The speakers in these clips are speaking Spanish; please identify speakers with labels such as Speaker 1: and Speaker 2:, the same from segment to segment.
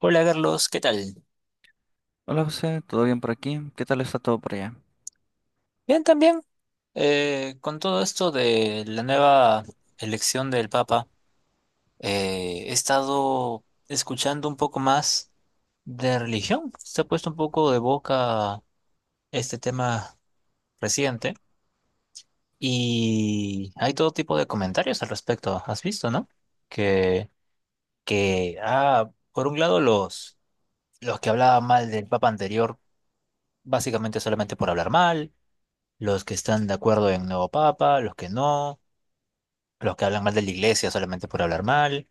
Speaker 1: Hola Carlos, ¿qué tal?
Speaker 2: Hola José, ¿todo bien por aquí? ¿Qué tal está todo por allá?
Speaker 1: Bien, también. Con todo esto de la nueva elección del Papa, he estado escuchando un poco más de religión. Se ha puesto un poco de boca este tema reciente y hay todo tipo de comentarios al respecto. ¿Has visto, no? Que, que, por un lado los que hablaban mal del Papa anterior, básicamente solamente por hablar mal. Los que están de acuerdo en nuevo papa, los que no, los que hablan mal de la iglesia solamente por hablar mal.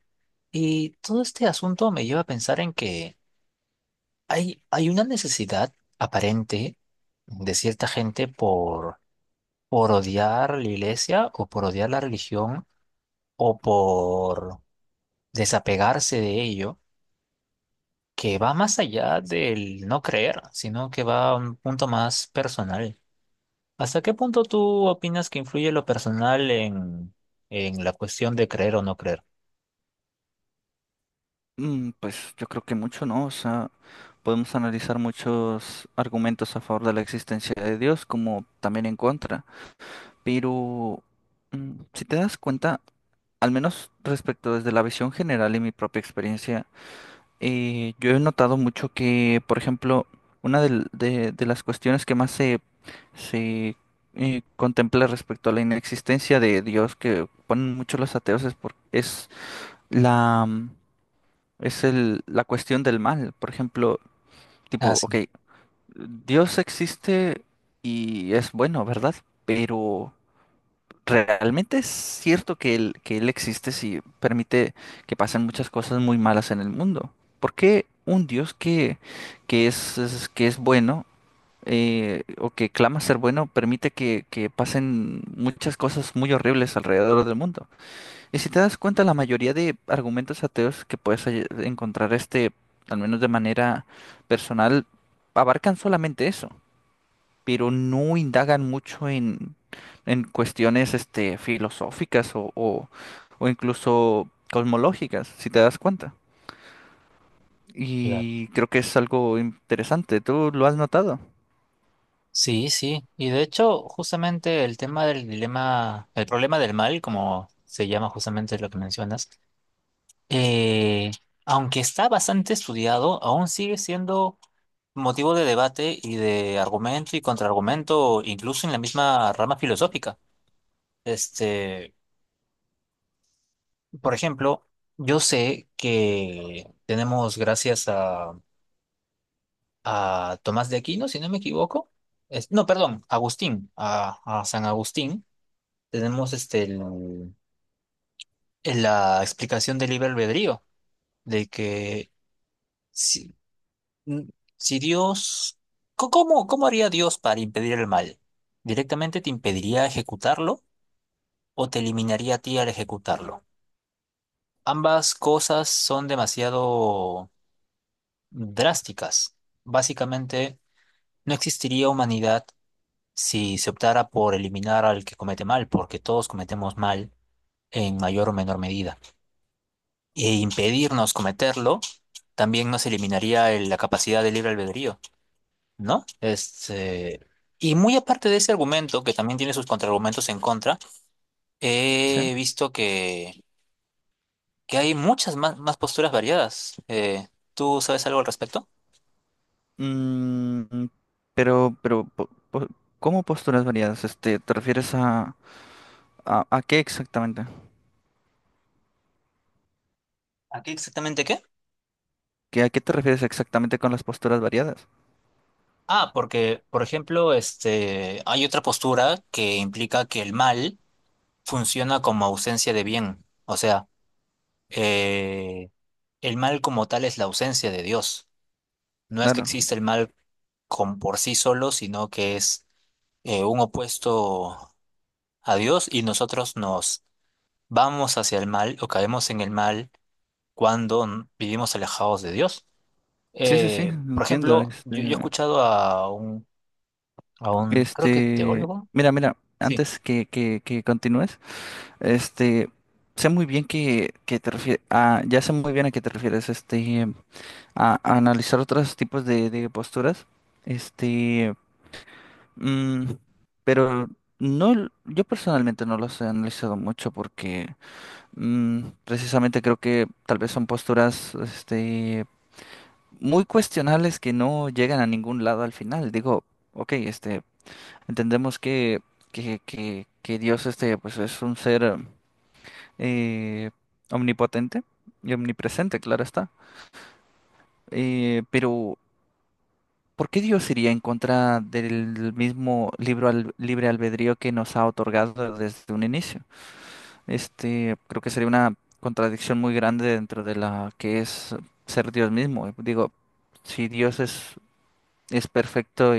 Speaker 1: Y todo este asunto me lleva a pensar en que hay una necesidad aparente de cierta gente por odiar la iglesia o por odiar la religión o por desapegarse de ello, que va más allá del no creer, sino que va a un punto más personal. ¿Hasta qué punto tú opinas que influye lo personal en la cuestión de creer o no creer?
Speaker 2: Pues yo creo que mucho no, o sea, podemos analizar muchos argumentos a favor de la existencia de Dios como también en contra, pero si te das cuenta, al menos respecto desde la visión general y mi propia experiencia, yo he notado mucho que, por ejemplo, una de las cuestiones que más se contempla respecto a la inexistencia de Dios que ponen mucho los ateos es la, mm, la cuestión del mal. Por ejemplo,
Speaker 1: Ah,
Speaker 2: tipo, ok,
Speaker 1: sí.
Speaker 2: Dios existe y es bueno, ¿verdad? Pero realmente es cierto que él existe si permite que pasen muchas cosas muy malas en el mundo. ¿Por qué un Dios que que es bueno o que clama ser bueno permite que pasen muchas cosas muy horribles alrededor del mundo? Y si te das cuenta, la mayoría de argumentos ateos que puedes encontrar, este, al menos de manera personal, abarcan solamente eso, pero no indagan mucho en cuestiones, este, o incluso cosmológicas, si te das cuenta.
Speaker 1: Claro.
Speaker 2: Y creo que es algo interesante, ¿tú lo has notado?
Speaker 1: Sí, sí. Y de hecho, justamente el tema del dilema, el problema del mal, como se llama justamente lo que mencionas, eh, aunque está bastante estudiado, aún sigue siendo motivo de debate y de argumento y contraargumento, incluso en la misma rama filosófica. Este, por ejemplo, yo sé que tenemos, gracias a Tomás de Aquino, si no me equivoco. No, perdón, Agustín, a San Agustín, tenemos la explicación del libre albedrío, de que si, n- si Dios, ¿cómo, cómo haría Dios para impedir el mal? ¿Directamente te impediría ejecutarlo o te eliminaría a ti al ejecutarlo? Ambas cosas son demasiado drásticas. Básicamente, no existiría humanidad si se optara por eliminar al que comete mal, porque todos cometemos mal en mayor o menor medida, e impedirnos cometerlo, también nos eliminaría la capacidad de libre albedrío, ¿no? Y muy aparte de ese argumento, que también tiene sus contraargumentos en contra,
Speaker 2: Sí.
Speaker 1: he visto que hay muchas más posturas variadas. ¿Tú sabes algo al respecto?
Speaker 2: Mm, pero, pero, po- po- ¿Cómo posturas variadas? Este, ¿te refieres a qué exactamente?
Speaker 1: ¿A qué exactamente qué?
Speaker 2: ¿Qué, a qué te refieres exactamente con las posturas variadas?
Speaker 1: Ah, porque, por ejemplo, este, hay otra postura que implica que el mal funciona como ausencia de bien. O sea, eh, el mal como tal es la ausencia de Dios. No es que
Speaker 2: Claro.
Speaker 1: exista el mal con, por sí solo, sino que es un opuesto a Dios y nosotros nos vamos hacia el mal o caemos en el mal cuando vivimos alejados de Dios.
Speaker 2: Sí, sí, sí,
Speaker 1: Por
Speaker 2: entiendo.
Speaker 1: ejemplo,
Speaker 2: Este,
Speaker 1: yo he escuchado a un, creo que teólogo.
Speaker 2: mira,
Speaker 1: Sí,
Speaker 2: antes que continúes, este, sé muy bien que te refieres, a, ya sé muy bien a qué te refieres, este, a analizar otros tipos de posturas, este, mm, pero yo personalmente no los he analizado mucho porque precisamente creo que tal vez son posturas, este, muy cuestionables que no llegan a ningún lado al final. Digo, ok, este, entendemos que Dios este, pues es un ser eh, omnipotente y omnipresente, claro está. Pero, ¿por qué Dios iría en contra del mismo libre albedrío que nos ha otorgado desde un inicio? Este, creo que sería una contradicción muy grande dentro de la que es ser Dios mismo. Digo, si Dios es perfecto.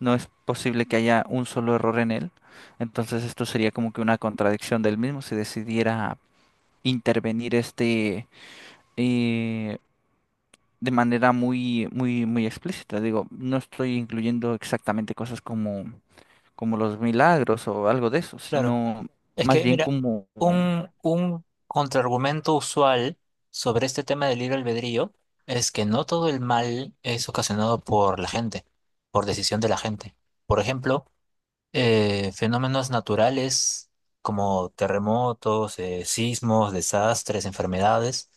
Speaker 2: No es posible que haya un solo error en él. Entonces esto sería como que una contradicción del mismo si decidiera intervenir este eh, de manera muy, muy, muy explícita. Digo, no estoy incluyendo exactamente cosas como, como los milagros o algo de eso,
Speaker 1: claro.
Speaker 2: sino
Speaker 1: Es
Speaker 2: más
Speaker 1: que,
Speaker 2: bien
Speaker 1: mira,
Speaker 2: como
Speaker 1: un contraargumento usual sobre este tema del libre albedrío es que no todo el mal es ocasionado por la gente, por decisión de la gente. Por ejemplo, fenómenos naturales como terremotos, sismos, desastres, enfermedades,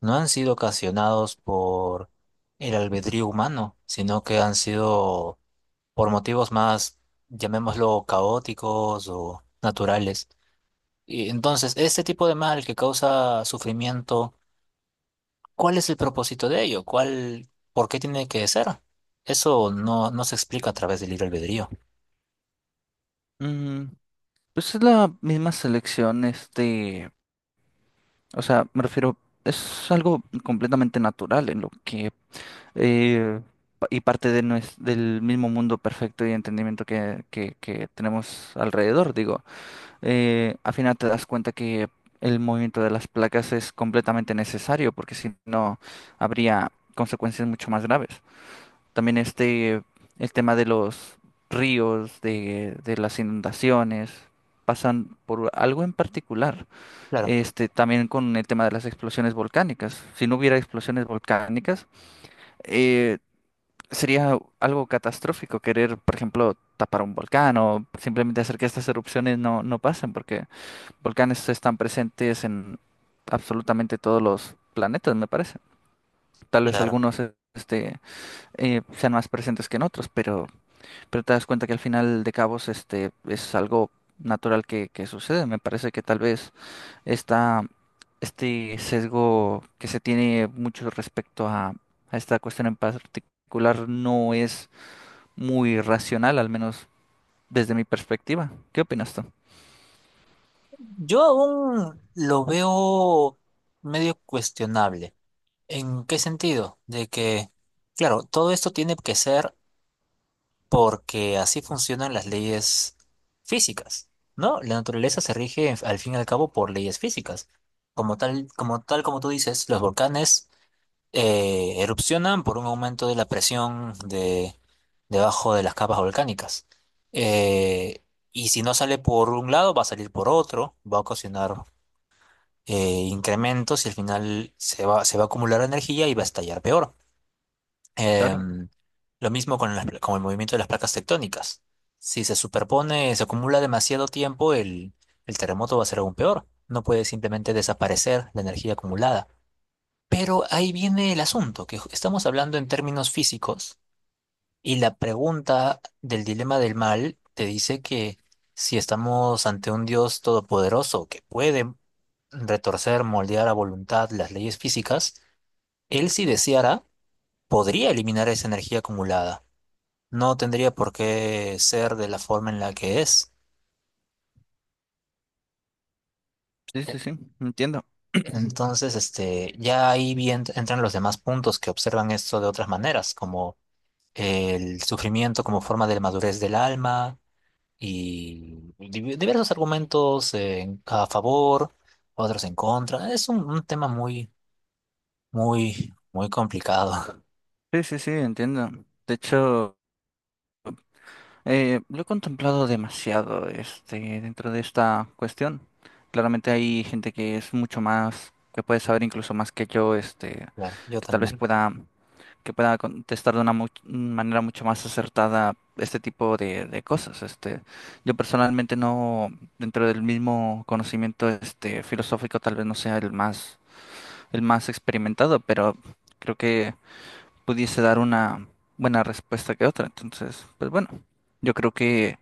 Speaker 1: no han sido ocasionados por el albedrío humano, sino que han sido por motivos más, llamémoslo, caóticos o naturales. Y entonces, este tipo de mal que causa sufrimiento, ¿cuál es el propósito de ello? ¿Cuál, por qué tiene que ser? Eso no se explica a través del libre albedrío.
Speaker 2: mm, pues es la misma selección, este, o sea, me refiero, es algo completamente natural en lo que eh, parte de del mismo mundo perfecto y entendimiento que tenemos alrededor. Digo, al final te das cuenta que el movimiento de las placas es completamente necesario, porque si no habría consecuencias mucho más graves. También este, el tema de los ríos, de las inundaciones pasan por algo en particular,
Speaker 1: Claro,
Speaker 2: este, también con el tema de las explosiones volcánicas. Si no hubiera explosiones volcánicas, eh, sería algo catastrófico querer, por ejemplo, tapar un volcán o simplemente hacer que estas erupciones no pasen, porque volcanes están presentes en absolutamente todos los planetas, me parece. Tal vez
Speaker 1: claro.
Speaker 2: algunos sean más presentes que en otros, pero te das cuenta que al final de cabos este, es algo natural que sucede. Me parece que tal vez esta, este sesgo que se tiene mucho respecto a esta cuestión en particular no es muy racional, al menos desde mi perspectiva. ¿Qué opinas tú?
Speaker 1: Yo aún lo veo medio cuestionable. ¿En qué sentido? De que, claro, todo esto tiene que ser porque así funcionan las leyes físicas, ¿no? La naturaleza se rige al fin y al cabo por leyes físicas. Como tal, como tal como tú dices, los volcanes erupcionan por un aumento de la presión de, debajo de las capas volcánicas. Eh, y si no sale por un lado, va a salir por otro, va a ocasionar incrementos y al final se va a acumular energía y va a estallar peor.
Speaker 2: Claro,
Speaker 1: Em, lo mismo con el movimiento de las placas tectónicas. Si se superpone, se acumula demasiado tiempo, el terremoto va a ser aún peor. No puede simplemente desaparecer la energía acumulada. Pero ahí viene el asunto, que estamos hablando en términos físicos y la pregunta del dilema del mal te dice que si estamos ante un Dios todopoderoso que puede retorcer, moldear a voluntad las leyes físicas, él si deseara podría eliminar esa energía acumulada. No tendría por qué ser de la forma en la que es.
Speaker 2: sí, sí, sí, entiendo.
Speaker 1: Entonces, este, ya ahí bien entran los demás puntos que observan esto de otras maneras, como el sufrimiento como forma de madurez del alma y diversos argumentos a favor, otros en contra. Es un tema muy, muy, muy complicado.
Speaker 2: Sí, sí, sí, entiendo. De hecho... lo he contemplado demasiado, este, dentro de esta cuestión. Claramente hay gente que es mucho más, que puede saber incluso más que yo, este,
Speaker 1: Claro, yo
Speaker 2: que tal vez
Speaker 1: también.
Speaker 2: pueda, que pueda contestar de una manera mucho más acertada este tipo de cosas. Este, yo personalmente no, dentro del mismo conocimiento, este, filosófico, tal vez no sea el más experimentado, pero creo que pudiese dar una buena respuesta que otra. Entonces, pues bueno, yo creo que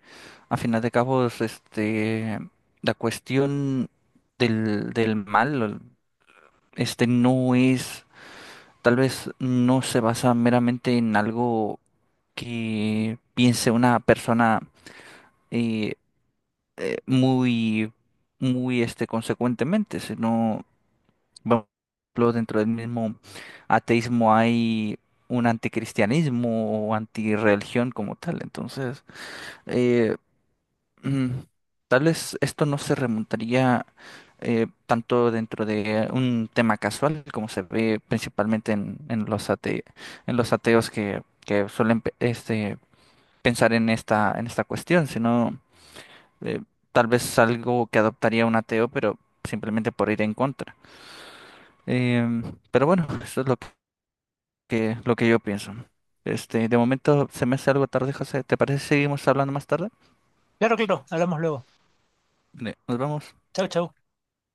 Speaker 2: a final de cabos, este, la cuestión del mal, este, no es, tal vez no se basa meramente en algo que piense una persona eh, muy, muy, este, consecuentemente, sino bueno, ejemplo, dentro del mismo ateísmo hay un anticristianismo o antirreligión como tal. Entonces, eh, mm, tal vez esto no se remontaría tanto dentro de un tema casual como se ve principalmente en los en los ateos que suelen este, pensar en en esta cuestión, sino eh, tal vez algo que adoptaría un ateo, pero simplemente por ir en contra. Em, pero bueno, eso es lo que lo que yo pienso. Este, de momento se me hace algo tarde, José. ¿Te parece si seguimos hablando más tarde?
Speaker 1: Claro, claro, hablamos luego.
Speaker 2: Nos vemos.
Speaker 1: Chau, chau.